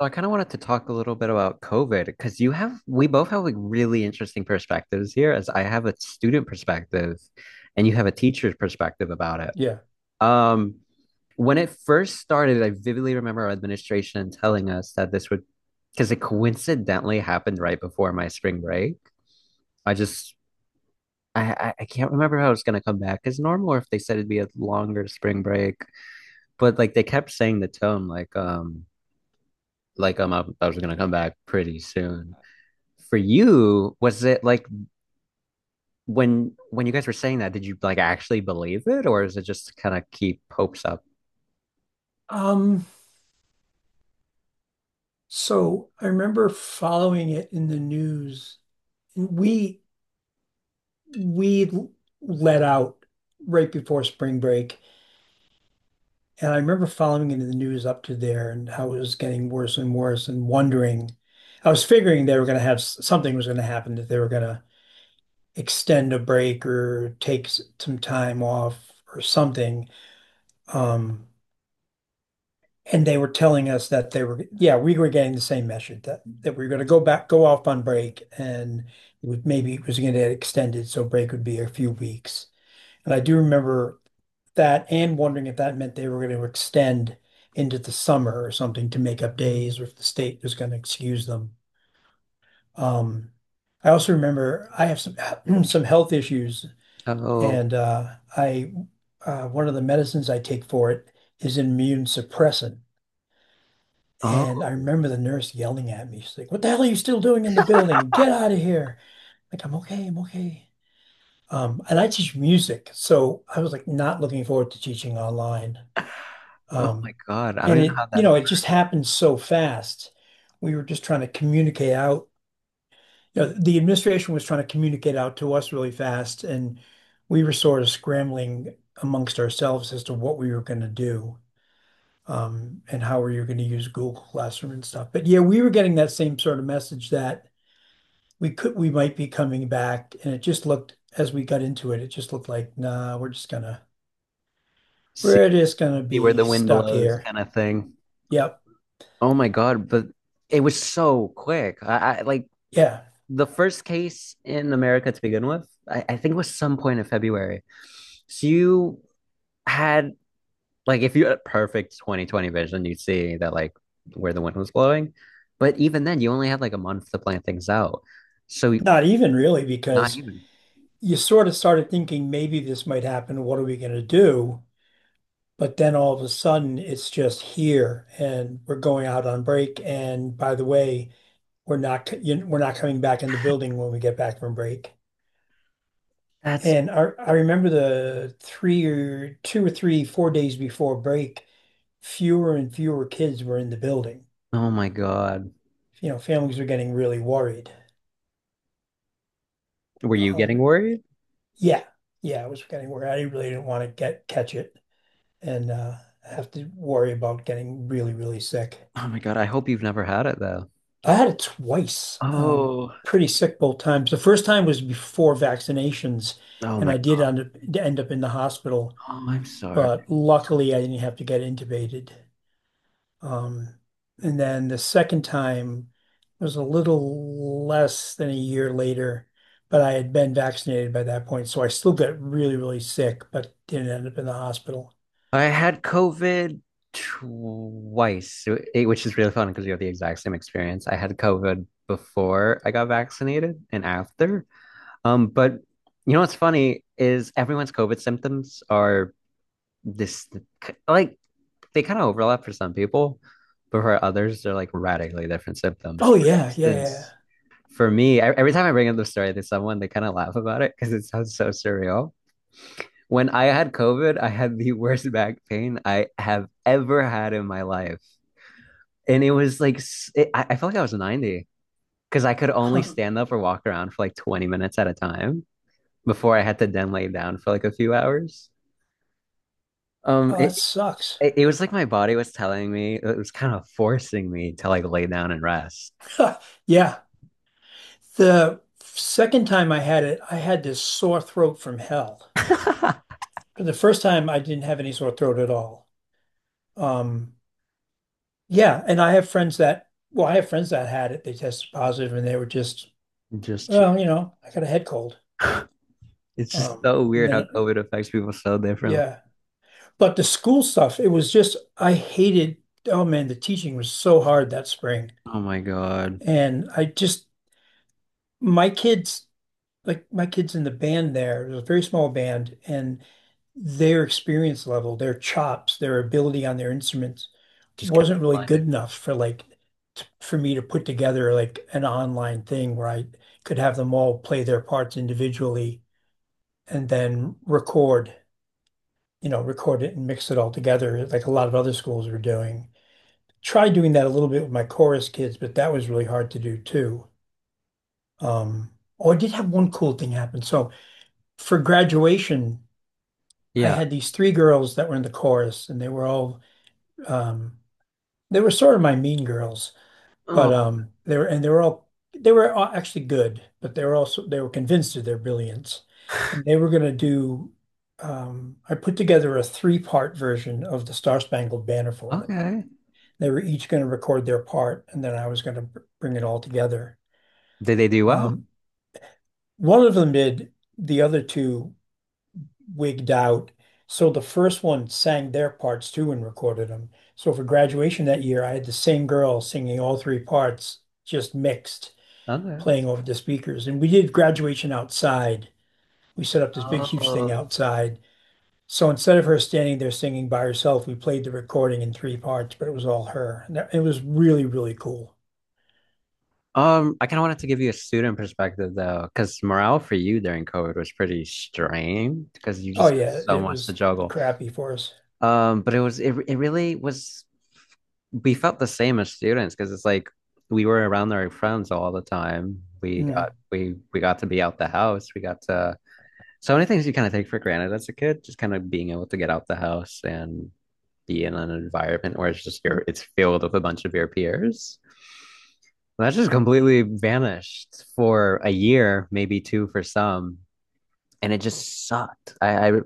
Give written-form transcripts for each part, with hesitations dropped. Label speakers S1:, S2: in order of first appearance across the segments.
S1: So I kind of wanted to talk a little bit about COVID because we both have like really interesting perspectives here, as I have a student perspective and you have a teacher's perspective about it.
S2: Yeah.
S1: Um, when it first started, I vividly remember our administration telling us that because it coincidentally happened right before my spring break. I just, I, I can't remember how it's going to come back as normal or if they said it'd be a longer spring break, but like they kept saying the tone like I was going to come back pretty soon. For you, was it like when you guys were saying that, did you like actually believe it, or is it just to kind of keep hopes up?
S2: Um, so I remember following it in the news, and we let out right before spring break, and I remember following it in the news up to there and how it was getting worse and worse and wondering. I was figuring they were going to have something was going to happen that they were going to extend a break or take some time off or something. Um, And they were telling us that they were, yeah, we were getting the same message that we were going to go back, go off on break, and it would, maybe it was going to get extended, so break would be a few weeks. And I do remember that and wondering if that meant they were going to extend into the summer or something to make up days, or if the state was going to excuse them. Um, I also remember I have some some health issues,
S1: Oh,
S2: and I one of the medicines I take for it is an immune suppressant. And I
S1: oh,
S2: remember the nurse yelling at me. She's like, "What the hell are you still doing in the building? Get out of here!" Like, I'm okay, I'm okay. And I teach music, so I was like not looking forward to teaching online.
S1: oh
S2: Um,
S1: my God. I don't
S2: and
S1: even know how that works.
S2: it just happened so fast. We were just trying to communicate out. You know, the administration was trying to communicate out to us really fast, and we were sort of scrambling amongst ourselves as to what we were going to do and how are you going to use Google Classroom and stuff. But yeah, we were getting that same sort of message that we could we might be coming back, and it just looked as we got into it, it just looked like nah,
S1: See
S2: we're just gonna
S1: where
S2: be
S1: the wind
S2: stuck
S1: blows
S2: here.
S1: kind of thing.
S2: Yep,
S1: Oh my God, but it was so quick. I like
S2: yeah,
S1: the first case in America to begin with, I think was some point in February. So you had Like if you had perfect 2020 vision, you'd see that like where the wind was blowing. But even then, you only had like a month to plan things out. So
S2: not even really
S1: not
S2: because
S1: even.
S2: you sort of started thinking maybe this might happen. What are we gonna do? But then all of a sudden, it's just here, and we're going out on break. And by the way, we're not we're not coming back in the building when we get back from break.
S1: That's
S2: And I remember the three or two or three, four days before break, fewer and fewer kids were in the building.
S1: Oh my God.
S2: You know, families were getting really worried.
S1: Were you getting
S2: Um,
S1: worried?
S2: yeah, yeah, I was getting worried. I really didn't want to get catch it and have to worry about getting really, really sick.
S1: Oh my God. I hope you've never had it though.
S2: I had it twice,
S1: Oh,
S2: pretty sick both times. The first time was before vaccinations,
S1: oh
S2: and
S1: my
S2: I did
S1: God.
S2: end up in the hospital,
S1: Oh, I'm sorry.
S2: but luckily I didn't have to get intubated. Um, and then the second time was a little less than a year later, but I had been vaccinated by that point, so I still got really, really sick, but didn't end up in the hospital.
S1: I had COVID twice, eh, which is really fun because you have the exact same experience. I had COVID before I got vaccinated and after. But you know what's funny is everyone's COVID symptoms are this like they kind of overlap for some people, but for others, they're like radically different symptoms.
S2: Oh
S1: For
S2: yeah, yeah, yeah,
S1: instance,
S2: yeah.
S1: for me, every time I bring up the story to someone, they kind of laugh about it because it sounds so surreal. When I had COVID, I had the worst back pain I have ever had in my life. And it was like, I felt like I was 90 because I could only
S2: Huh.
S1: stand up or walk around for like 20 minutes at a time before I had to then lay down for like a few hours. Um,
S2: Oh, that
S1: it
S2: sucks.
S1: it was like my body was telling me it was kind of forcing me to like lay down and rest.
S2: Yeah. The second time I had it, I had this sore throat from hell. But the first time I didn't have any sore throat at all. Um, yeah, and I have friends that had it. They tested positive and they were just
S1: Just chill.
S2: well, you know, I got a head cold.
S1: It's just so
S2: And
S1: weird how
S2: then
S1: COVID affects people so differently.
S2: Yeah, but the school stuff, it was just I hated. Oh man, the teaching was so hard that spring,
S1: Oh my God.
S2: and I just my kids like my kids in the band there. It was a very small band, and their experience level, their chops, their ability on their instruments
S1: Just kept
S2: wasn't really
S1: declining.
S2: good enough for for me to put together like an online thing where I could have them all play their parts individually and then record it and mix it all together like a lot of other schools were doing. Tried doing that a little bit with my chorus kids, but that was really hard to do too. Um, oh, I did have one cool thing happen. So for graduation, I
S1: Yeah.
S2: had these three girls that were in the chorus, and they were all um, they were sort of my mean girls, but
S1: Oh,
S2: they were all actually good, but they were also they were convinced of their brilliance, and they were going to do. I put together a three-part version of the Star Spangled Banner for them.
S1: okay.
S2: They were each going to record their part, and then I was going to bring it all together.
S1: Did they do well?
S2: Um, One of them did, the other two wigged out. So the first one sang their parts too and recorded them. So for graduation that year, I had the same girl singing all three parts, just mixed,
S1: Okay.
S2: playing over the speakers. And we did graduation outside. We set up this big, huge thing
S1: Oh.
S2: outside. So instead of her standing there singing by herself, we played the recording in three parts, but it was all her. And it was really, really cool.
S1: I kind of wanted to give you a student perspective though, because morale for you during COVID was pretty strained because you just
S2: Oh
S1: had
S2: yeah,
S1: so
S2: it
S1: much to
S2: was
S1: juggle.
S2: crappy for us.
S1: But it really was, we felt the same as students because it's like we were around our friends all the time. We
S2: Mm.
S1: got we we got to be out the house. We got to So many things you kind of take for granted as a kid, just kind of being able to get out the house and be in an environment where it's just your it's filled with a bunch of your peers. That just completely vanished for a year, maybe two for some, and it just sucked.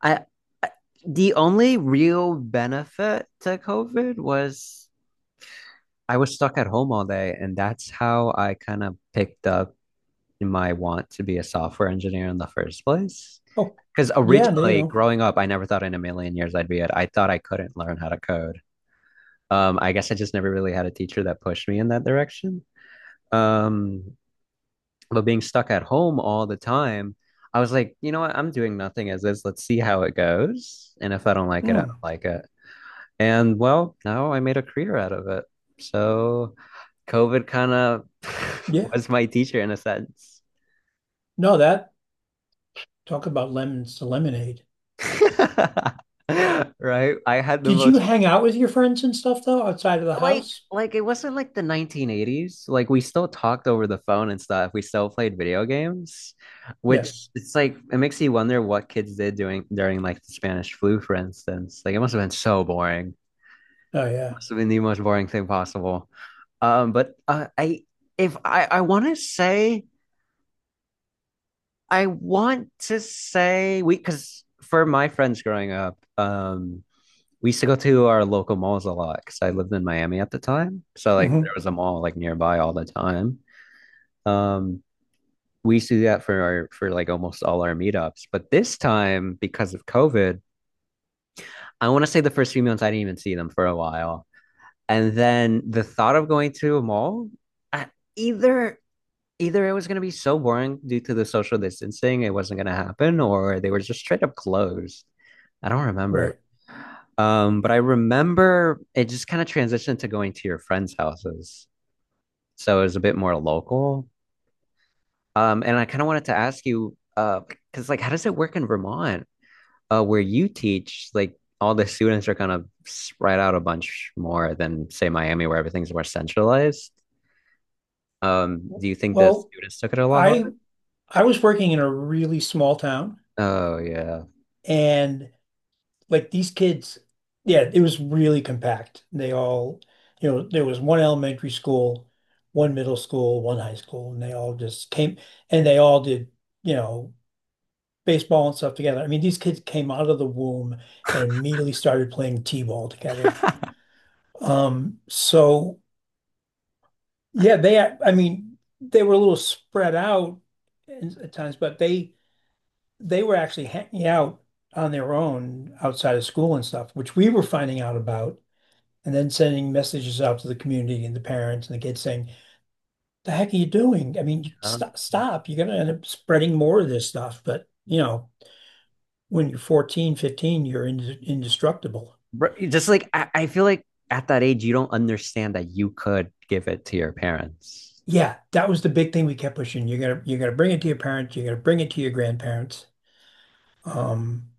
S1: I, I The only real benefit to COVID was I was stuck at home all day, and that's how I kind of picked up my want to be a software engineer in the first place.
S2: Oh,
S1: Because
S2: yeah, there you
S1: originally,
S2: go.
S1: growing up, I never thought in a million years I'd be it. I thought I couldn't learn how to code. I guess I just never really had a teacher that pushed me in that direction. Um, but being stuck at home all the time, I was like, you know what? I'm doing nothing as is. Let's see how it goes. And if I don't like it, I don't
S2: Mm.
S1: like it. And well, now I made a career out of it. So COVID kind of
S2: Yeah.
S1: was my teacher in a sense.
S2: No, that talk about lemons to lemonade.
S1: Right? I had the
S2: Did you
S1: most
S2: hang out with your friends and stuff though outside of the
S1: like
S2: house?
S1: like it wasn't like the 1980s. Like we still talked over the phone and stuff. We still played video games,
S2: Yeah.
S1: which it's like it makes you wonder what kids did doing during like the Spanish flu, for instance. Like it must have been so boring.
S2: Oh yeah.
S1: Must have been the most boring thing possible. But I if I I want to say we because for my friends growing up, we used to go to our local malls a lot because I lived in Miami at the time. So like there
S2: Hmm.
S1: was a mall like nearby all the time. Um, we used to do that for our for like almost all our meetups. But this time, because of COVID, I want to say the first few months I didn't even see them for a while. And then the thought of going to a mall, I, either either it was going to be so boring due to the social distancing, it wasn't going to happen, or they were just straight up closed. I don't remember.
S2: Right.
S1: But I remember it just kind of transitioned to going to your friends' houses. So it was a bit more local. And I kind of wanted to ask you, because like, how does it work in Vermont, where you teach? Like, all the students are kind of spread out a bunch more than say Miami, where everything's more centralized. Do you think the
S2: Well,
S1: students took it a lot
S2: I
S1: harder?
S2: I was working in a really small town
S1: Oh yeah.
S2: and like these kids, yeah, it was really compact. They all, you know, there was one elementary school, one middle school, one high school, and they all just came and they all did, you know, baseball and stuff together. I mean, these kids came out of the womb and immediately started playing t-ball together. So yeah, they, I mean, they were a little spread out at times, but they were actually hanging out on their own outside of school and stuff, which we were finding out about and then sending messages out to the community and the parents and the kids saying, "The heck are you doing?" I mean,
S1: Huh?
S2: stop, stop. You're gonna end up spreading more of this stuff. But you know, when you're 14, 15, you're indestructible.
S1: Just like I feel like at that age you don't understand that you could give it to your parents.
S2: Yeah, that was the big thing we kept pushing. You're gonna bring it to your parents. You're gonna bring it to your grandparents. Um,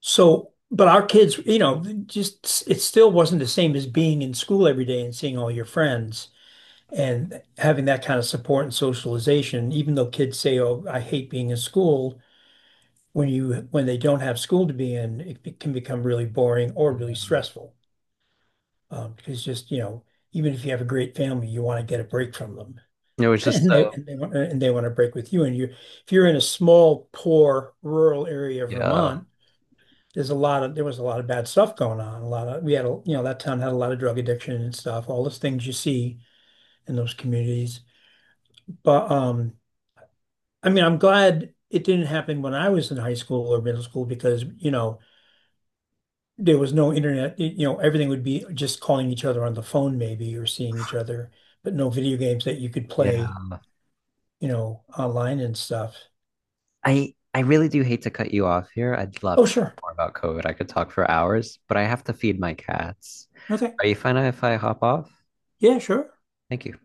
S2: so, but our kids, you know, just it still wasn't the same as being in school every day and seeing all your friends and having that kind of support and socialization. Even though kids say, "Oh, I hate being in school," when they don't have school to be in, can become really boring or really
S1: Yeah.
S2: stressful. Because just, you know, even if you have a great family, you want to get a break from them.
S1: It was just
S2: And they
S1: so,
S2: and they want to break with you. And you if you're in a small, poor, rural area of
S1: yeah,
S2: Vermont, there was a lot of bad stuff going on. A lot of We had a you know, that town had a lot of drug addiction and stuff, all those things you see in those communities. But I mean, I'm glad it didn't happen when I was in high school or middle school because, you know, there was no internet. You know, everything would be just calling each other on the phone maybe or seeing each other, but no video games that you could
S1: yeah.
S2: play, you know, online and stuff.
S1: I really do hate to cut you off here. I'd love
S2: Oh,
S1: to talk
S2: sure.
S1: more about COVID. I could talk for hours, but I have to feed my cats.
S2: Okay.
S1: Are you fine if I hop off?
S2: Yeah, sure.
S1: Thank you.